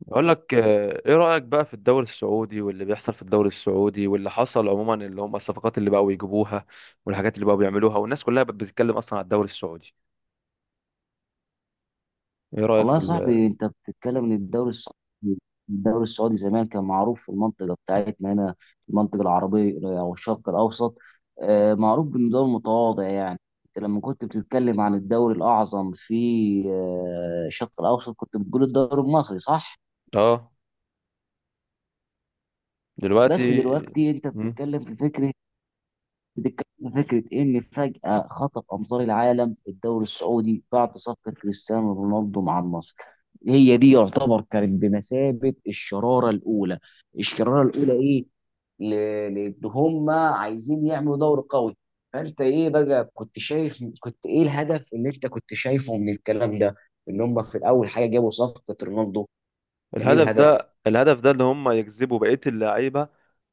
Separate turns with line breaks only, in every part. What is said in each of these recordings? بقول لك ايه رأيك بقى في الدوري السعودي، واللي بيحصل في الدوري السعودي، واللي حصل عموما اللي هم الصفقات اللي بقوا يجيبوها، والحاجات اللي بقوا بيعملوها، والناس كلها بقت بتتكلم اصلا على الدوري السعودي. ايه رأيك
والله يا صاحبي انت بتتكلم ان الدوري السعودي زمان كان معروف في المنطقه بتاعتنا هنا، في المنطقه العربيه او الشرق الاوسط. معروف بانه دوري متواضع يعني. انت لما كنت بتتكلم عن الدوري الاعظم في الشرق الاوسط كنت بتقول الدوري المصري، صح؟
اه. دلوقتي.
بس دلوقتي انت
مم.
بتتكلم في فكره، بتتكلم عن فكرة إيه، إن فجأة خطف أنظار العالم الدوري السعودي بعد صفقة كريستيانو رونالدو مع النصر. هي دي يعتبر كانت بمثابة الشرارة الأولى. الشرارة الأولى إيه؟ لأن هما عايزين يعملوا دوري قوي. فأنت إيه بقى كنت شايف، كنت إيه الهدف اللي أنت كنت شايفه من الكلام ده؟ إن هما في الأول حاجة جابوا صفقة رونالدو، كان إيه
الهدف
الهدف؟
ده الهدف ده اللي هم يجذبوا بقية اللعيبة،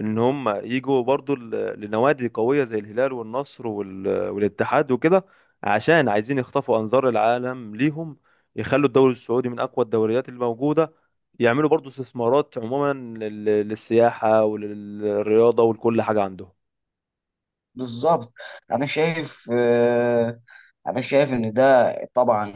ان هم يجوا برضو لنوادي قوية زي الهلال والنصر والاتحاد وكده، عشان عايزين يخطفوا انظار العالم ليهم، يخلوا الدوري السعودي من اقوى الدوريات الموجودة، يعملوا برضو استثمارات عموما للسياحة وللرياضة ولكل حاجة عندهم.
بالظبط. انا شايف انا شايف ان ده طبعا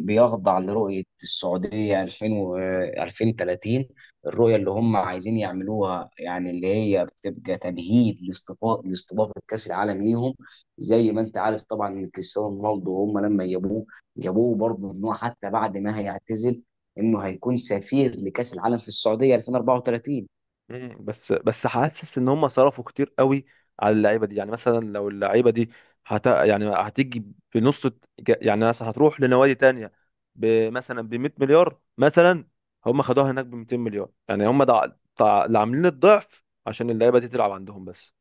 بيخضع لرؤيه السعوديه 2000 و- آه، 2030. الرؤيه اللي هم عايزين يعملوها يعني، اللي هي بتبقى تمهيد لاستضافه لاستضافه كاس العالم ليهم. زي ما انت عارف طبعا ان كريستيانو رونالدو، هم لما جابوه جابوه برضه ان هو حتى بعد ما هيعتزل، انه هيكون سفير لكاس العالم في السعوديه 2034.
بس حاسس ان هم صرفوا كتير قوي على اللعيبه دي. يعني مثلا لو اللعيبه دي يعني هتيجي بنص، يعني مثلا هتروح لنوادي تانية مثلا ب 100 مليار مثلا، هم خدوها هناك ب 200 مليار. يعني هم ده اللي عاملين الضعف عشان اللعيبه دي تلعب عندهم بس.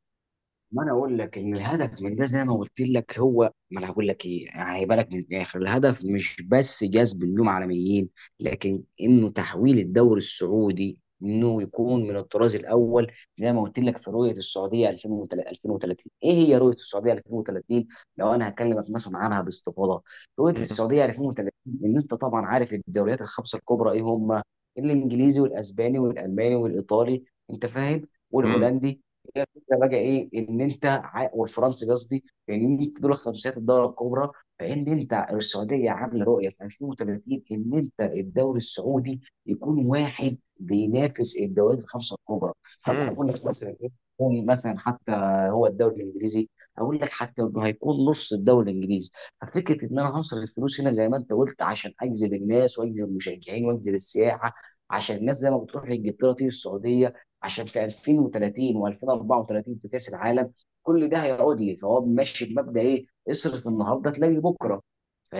ما انا اقول لك ان الهدف من ده زي ما قلت لك هو، ما انا هقول لك ايه يعني، هيبقى لك من الاخر، الهدف مش بس جذب النجوم عالميين، لكن انه تحويل الدوري السعودي انه يكون من الطراز الاول زي ما قلت لك في رؤيه السعوديه 2030. ايه هي رؤيه السعوديه 2030؟ لو انا هكلمك مثلا عنها باستفاضه، رؤيه السعوديه 2030 ان انت طبعا عارف الدوريات الخمسه الكبرى ايه هم؟ الانجليزي والاسباني والالماني والايطالي، انت فاهم،
امم.
والهولندي. هي الفكره بقى ايه ان انت والفرنسي قصدي، ان دول خمسيات الدوري الكبرى. فان انت السعوديه عامله رؤيه في 2030 ان انت الدوري السعودي يكون واحد بينافس الدوريات الخمسه الكبرى. طب
امم.
هقول لك مثلا ايه، يكون مثلا حتى هو الدوري الانجليزي، هقول لك حتى انه هيكون نص الدوري الانجليزي. ففكره ان انا هصرف الفلوس هنا زي ما انت قلت عشان اجذب الناس واجذب المشجعين واجذب السياحه، عشان الناس زي ما بتروح انجلترا تيجي السعوديه، عشان في 2030 و2034 في كاس العالم. كل ده هيعود لي، فهو ماشي بمبدا ايه، اصرف النهارده تلاقي بكره.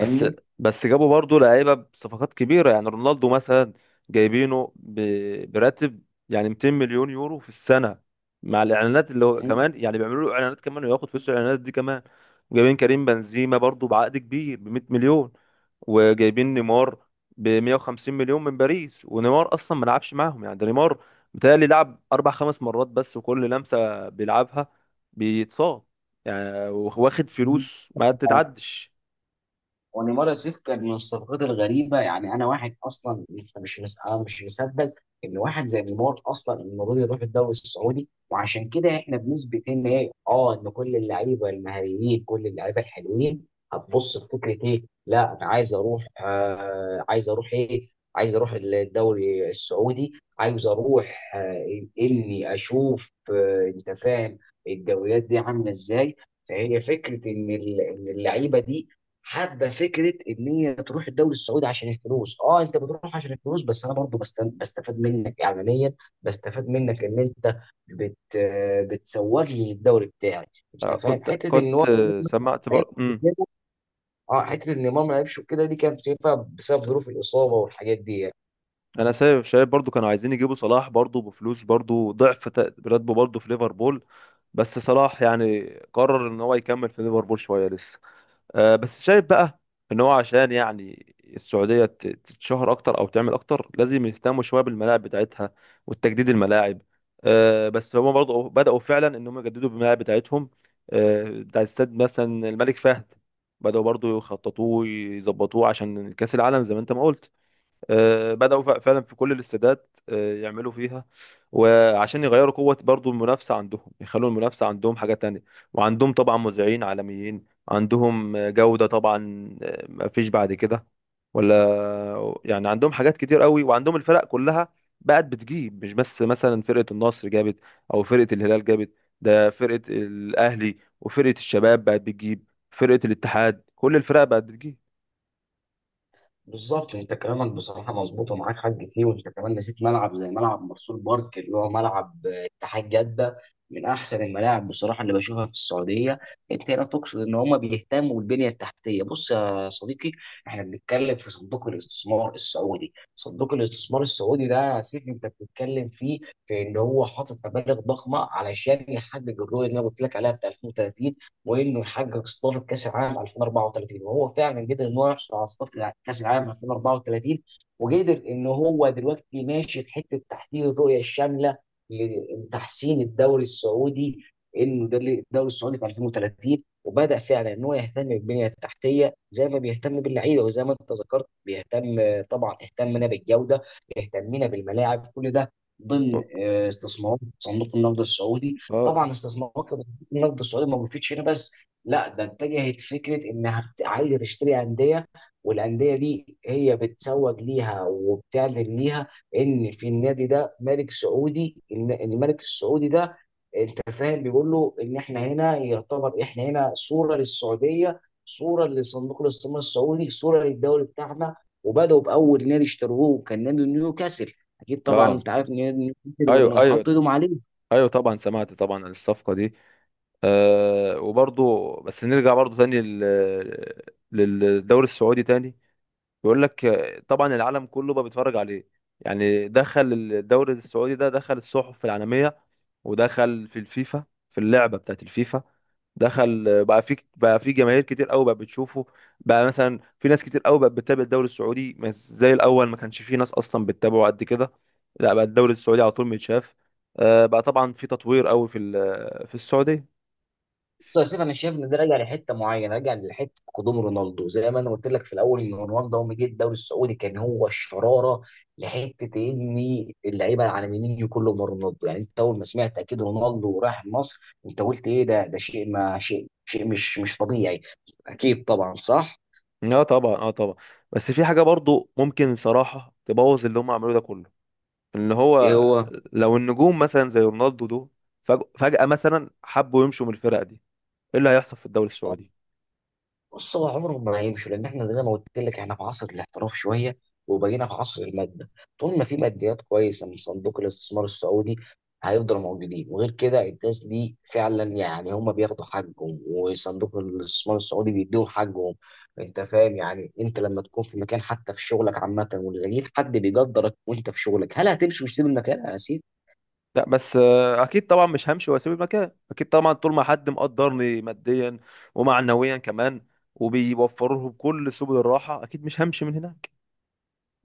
بس بس جابوا برضه لعيبه بصفقات كبيره، يعني رونالدو مثلا جايبينه براتب يعني 200 مليون يورو في السنه، مع الاعلانات اللي هو كمان يعني بيعملوا له اعلانات كمان وياخد فلوس الاعلانات دي كمان. جايبين كريم بنزيما برضه بعقد كبير ب 100 مليون، وجايبين نيمار ب 150 مليون من باريس. ونيمار اصلا ما لعبش معاهم، يعني ده نيمار بيتهيألي لعب اربع خمس مرات بس، وكل لمسه بيلعبها بيتصاب، يعني واخد فلوس ما تتعدش.
ونيمار يوسف كان من الصفقات الغريبه يعني. انا واحد اصلا مش مش مس- انا مش مصدق ان واحد زي نيمار اصلا المفروض يروح الدوري السعودي، وعشان كده احنا بنثبت ان ايه، اه، ان كل اللعيبه المهاريين كل اللعيبه الحلوين هتبص لفكره ايه، لا انا عايز اروح عايز اروح ايه، عايز اروح الدوري السعودي، عايز اروح اني اشوف انت فاهم الدوريات دي عامله ازاي. فهي فكره ان إن اللعيبه دي حابه فكره ان هي تروح الدوري السعودي عشان الفلوس. اه انت بتروح عشان الفلوس، بس انا برضو بستفاد منك اعلانيا، بستفاد منك ان انت بت بتسوق لي الدوري بتاعي. انت فاهم
كنت
حته ان
كنت
هو
سمعت بر... مم.
اه، حته ان امام ما لعبش وكده دي كانت بسبب ظروف الاصابه والحاجات دي يعني.
انا سبب شايف برضو كانوا عايزين يجيبوا صلاح برضو بفلوس، برضو ضعف راتبه برضو في ليفربول، بس صلاح يعني قرر ان هو يكمل في ليفربول شوية لسه. بس شايف بقى ان هو عشان يعني السعوديه تتشهر اكتر او تعمل اكتر، لازم يهتموا شويه بالملاعب بتاعتها والتجديد الملاعب. بس هما برضه بداوا فعلا ان هم يجددوا بالملاعب بتاعتهم. بتاع استاد مثلا الملك فهد، بداوا برضه يخططوه يظبطوه عشان كاس العالم زي ما انت ما قلت. بدأوا فعلا في كل الاستادات، يعملوا فيها، وعشان يغيروا قوة برضو المنافسة عندهم يخلوا المنافسة عندهم حاجة تانية. وعندهم طبعا مذيعين عالميين، عندهم جودة طبعا. مفيش بعد كده، ولا يعني عندهم حاجات كتير قوي، وعندهم الفرق كلها بقت بتجيب. مش بس مثلا فرقة النصر جابت أو فرقة الهلال جابت، ده فرقة الأهلي وفرقة الشباب بقت بتجيب، فرقة الاتحاد، كل الفرق بقت بتجيب.
بالظبط. انت كلامك بصراحه مظبوط ومعاك حق فيه، وانت كمان نسيت ملعب زي ملعب مرسول بارك اللي هو ملعب اتحاد جده، من احسن الملاعب بصراحه اللي بشوفها في السعوديه. انت هنا تقصد ان هم بيهتموا بالبنيه التحتيه. بص يا صديقي، احنا بنتكلم في صندوق الاستثمار السعودي. صندوق الاستثمار السعودي ده يا سيف انت بتتكلم فيه، في ان هو حاطط مبالغ ضخمه علشان يحقق الرؤيه اللي انا قلت لك عليها بتاع 2030، وانه يحقق استضافه كاس العالم 2034. وهو فعلا قدر ان هو يحصل على استضافه كاس العالم 2034، وقدر ان هو دلوقتي ماشي في حته تحقيق الرؤيه الشامله لتحسين الدوري السعودي. انه ده الدوري السعودي في 2030، وبدا فعلا ان هو يهتم بالبنيه التحتيه زي ما بيهتم باللعيبه، وزي ما انت ذكرت بيهتم طبعا، اهتمنا بالجوده، اهتمنا بالملاعب، كل ده ضمن استثمارات صندوق النقد السعودي.
اه،
طبعا استثمارات النقد السعودي ما وقفتش هنا بس، لا ده اتجهت فكره انها عايزه تشتري انديه، والانديه دي هي بتسوق ليها وبتعلن ليها ان في النادي ده ملك سعودي، ان إن الملك السعودي ده انت فاهم بيقول له ان احنا هنا يعتبر، احنا هنا صوره للسعوديه، صوره لصندوق الاستثمار السعودي، صوره للدوري بتاعنا. وبداوا باول نادي اشتروه كان نادي نيوكاسل. اكيد طبعا
اه،
انت عارف ان نادي نيوكاسل وانه
ايوه،
حط
ايوه،
ايدهم عليه.
ايوه طبعا. سمعت طبعا عن الصفقه دي. أه، وبرضو بس نرجع برضو تاني للدوري السعودي تاني. بيقول لك طبعا العالم كله بقى بيتفرج عليه. يعني دخل الدوري السعودي ده، دخل الصحف العالميه، ودخل في الفيفا، في اللعبه بتاعت الفيفا، دخل بقى في جماهير كتير قوي بقى بتشوفه. بقى مثلا في ناس كتير قوي بقت بتتابع الدوري السعودي، مش زي الاول ما كانش في ناس اصلا بتتابعه قد كده. لا بقى الدوري السعودي على طول متشاف. بقى طبعا في تطوير قوي في في السعوديه.
بص يا سيف، انا شايف ان ده راجع لحته معينه، راجع لحته قدوم رونالدو زي ما انا قلت لك في الاول، ان رونالدو اول ما جه الدوري السعودي كان هو الشراره. لحته ان اللعيبه على مينيو كله من رونالدو يعني. انت اول ما سمعت اكيد رونالدو راح مصر انت قلت ايه ده، ده شيء ما، شيء، شيء مش طبيعي. اكيد طبعا صح.
اه طبعا، اه طبعا. بس في حاجه برضو ممكن صراحه تبوظ اللي هم عملوه ده كله، ان
ايه
هو
هو؟
لو النجوم مثلا زي رونالدو دول فجاه مثلا حبوا يمشوا من الفرق دي، ايه اللي هيحصل في الدوري السعودي؟
بص، هو عمرهم ما هيمشوا، لان احنا زي ما قلت لك احنا في عصر الاحتراف شويه، وبقينا في عصر الماده. طول ما في ماديات كويسه من صندوق الاستثمار السعودي هيفضلوا موجودين، وغير كده الناس دي فعلا يعني هم بياخدوا حقهم، وصندوق الاستثمار السعودي بيديهم حقهم. انت فاهم يعني، انت لما تكون في مكان حتى في شغلك عامه ولقيت حد بيقدرك وانت في شغلك، هل هتمشي وتسيب المكان يا سيدي؟
لا بس، اكيد طبعا مش همشي واسيب المكان، اكيد طبعا طول ما حد مقدرني ماديا ومعنويا كمان وبيوفروا لهم كل سبل الراحه، اكيد مش همشي من هناك.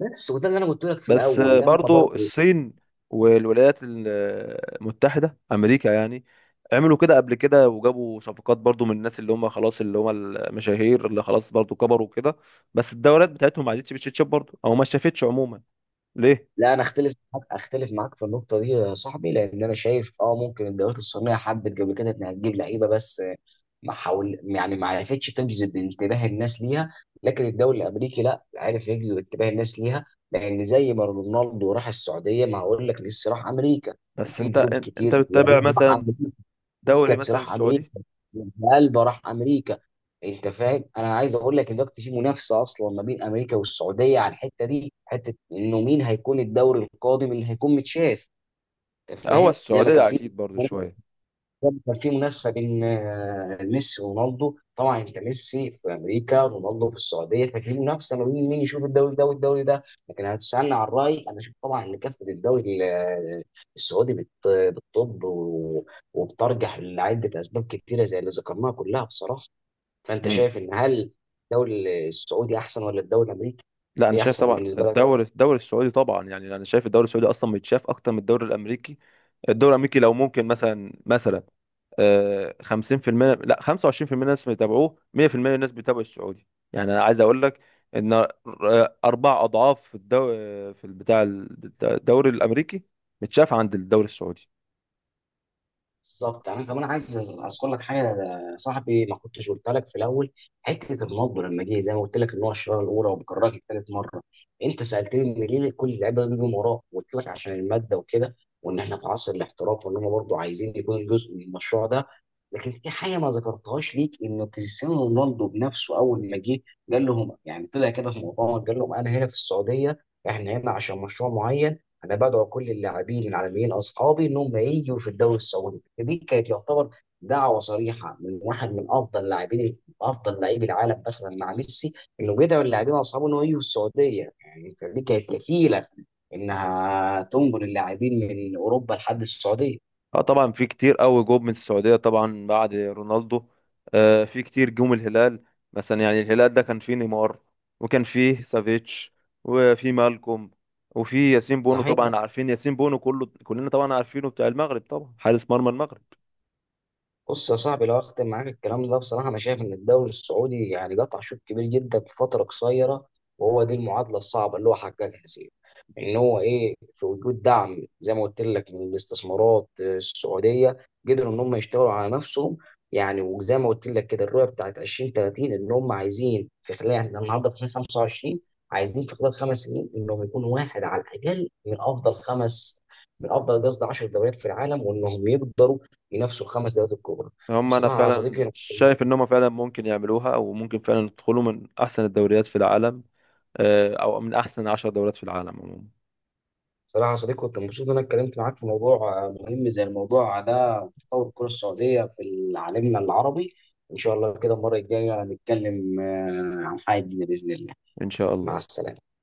بس وده اللي انا قلت لك في
بس
الاول لما
برضو
برضه.
الصين والولايات المتحده امريكا يعني عملوا كده قبل كده، وجابوا صفقات برضو من الناس اللي هم خلاص، اللي هم المشاهير اللي خلاص برضو كبروا كده، بس الدولات بتاعتهم ما عادتش بتشتشب برضو او ما شافتش عموما. ليه؟
لا، انا اختلف معاك، اختلف معاك في النقطه دي يا صاحبي، لان انا شايف اه ممكن الدوريات الصينيه حبت قبل كده انها تجيب لعيبه بس ما حاول يعني ما عرفتش تجذب انتباه الناس ليها، لكن الدوري الامريكي لا عرف يجذب انتباه الناس ليها. لان زي ما رونالدو راح السعوديه ما هقول لك ميسي راح امريكا،
بس
وفي
انت
نجوم
انت
كتير
بتتابع
يعني راح
مثلا
امريكا،
دوري
بوسكاتس
مثلا
راح امريكا،
السعودي؟
البا راح امريكا. انت فاهم، انا عايز اقول لك ان دلوقتي في منافسه اصلا ما بين امريكا والسعوديه على الحته دي، حته انه مين هيكون الدوري القادم اللي هيكون متشاف. انت
لا، هو
فاهم، زي ما كان
السعودية
في،
أكيد برضو شوية.
كان في منافسه بين ميسي ورونالدو طبعا، انت ميسي في امريكا رونالدو في السعوديه، ففي منافسه ما بين مين يشوف الدوري ده والدوري ده. لكن هتسالني عن رايي، انا اشوف طبعا ان كافه الدوري ال- آه، السعودي بتطب وبترجح لعده اسباب كتيره زي اللي ذكرناها كلها بصراحه. فانت
مم.
شايف ان، هل الدوري السعودي احسن ولا الدوري الامريكي؟
لا أنا
ايه
شايف
احسن
طبعا
بالنسبه لك؟
الدوري السعودي طبعا، يعني أنا شايف الدوري السعودي أصلا بيتشاف أكتر من الدوري الأمريكي. الدوري الأمريكي لو ممكن مثلا 50%، لا 25% الناس بيتابعوه. 100% الناس بيتابعوا السعودي. يعني أنا عايز أقول لك إن أربع أضعاف في الدوري، في البتاع، الدوري الأمريكي متشاف عند الدوري السعودي.
بالظبط. يعني انا كمان عايز اذكر لك حاجه يا صاحبي ما كنتش قلت لك في الاول، حته النبض لما جه زي ما قلت لك ان هو الشراره الاولى وبكررها لك ثالث مره. انت سالتني ليه كل اللعيبه بيجوا وراه، قلت لك عشان الماده وكده، وان احنا في عصر الاحتراف، وان هم برضه عايزين يكونوا جزء من المشروع ده. لكن في حاجه ما ذكرتهاش ليك، ان كريستيانو رونالدو بنفسه اول ما جه قال لهم يعني، طلع كده في مؤتمر قال لهم انا هنا في السعوديه، احنا هنا عشان مشروع معين، انا بدعو كل اللاعبين العالميين اصحابي انهم يجوا في الدوري السعودي. دي كانت يعتبر دعوه صريحه من واحد من افضل لاعبين، افضل لاعبي العالم مثلا مع ميسي، انه بيدعو اللاعبين اصحابه انه يجوا السعوديه يعني. أنت دي كانت كفيله انها تنقل اللاعبين من اوروبا لحد السعوديه.
اه طبعا في كتير قوي جوب من السعودية طبعا بعد رونالدو. في كتير جم الهلال، مثلا يعني الهلال ده كان فيه نيمار، وكان فيه سافيتش، وفي مالكوم، وفي ياسين بونو.
صحيح.
طبعا عارفين ياسين بونو كله، كلنا طبعا عارفينه، بتاع المغرب، طبعا حارس مرمى المغرب.
بص يا صاحبي، لو اختم معاك الكلام ده بصراحه، انا شايف ان الدوري السعودي يعني قطع شوط كبير جدا في فتره قصيره، وهو دي المعادله الصعبه اللي هو حققها سيف. ان هو ايه، في وجود دعم زي ما قلت لك من الاستثمارات السعوديه قدروا ان هم يشتغلوا على نفسهم يعني. وزي ما قلت لك كده الرؤيه بتاعت 2030، ان هم عايزين في خلال، احنا النهارده في 2025، عايزين في خلال خمس سنين انهم يكونوا واحد على الاقل من افضل خمس، من افضل قصدي 10 دوريات في العالم، وانهم يقدروا ينافسوا الخمس دوريات الكبرى.
هم انا
بصراحه يا
فعلا
صديقي
شايف ان هم فعلا ممكن يعملوها، وممكن فعلا يدخلوا من احسن الدوريات في العالم، او من احسن 10 دوريات في العالم عموما.
بصراحه يا صديقي، كنت مبسوط ان انا اتكلمت معاك في موضوع مهم زي الموضوع ده، تطور الكره السعوديه في عالمنا العربي. ان شاء الله كده المره الجايه نتكلم عن حاجه جديدة باذن الله.
ان شاء
مع
الله.
السلامه.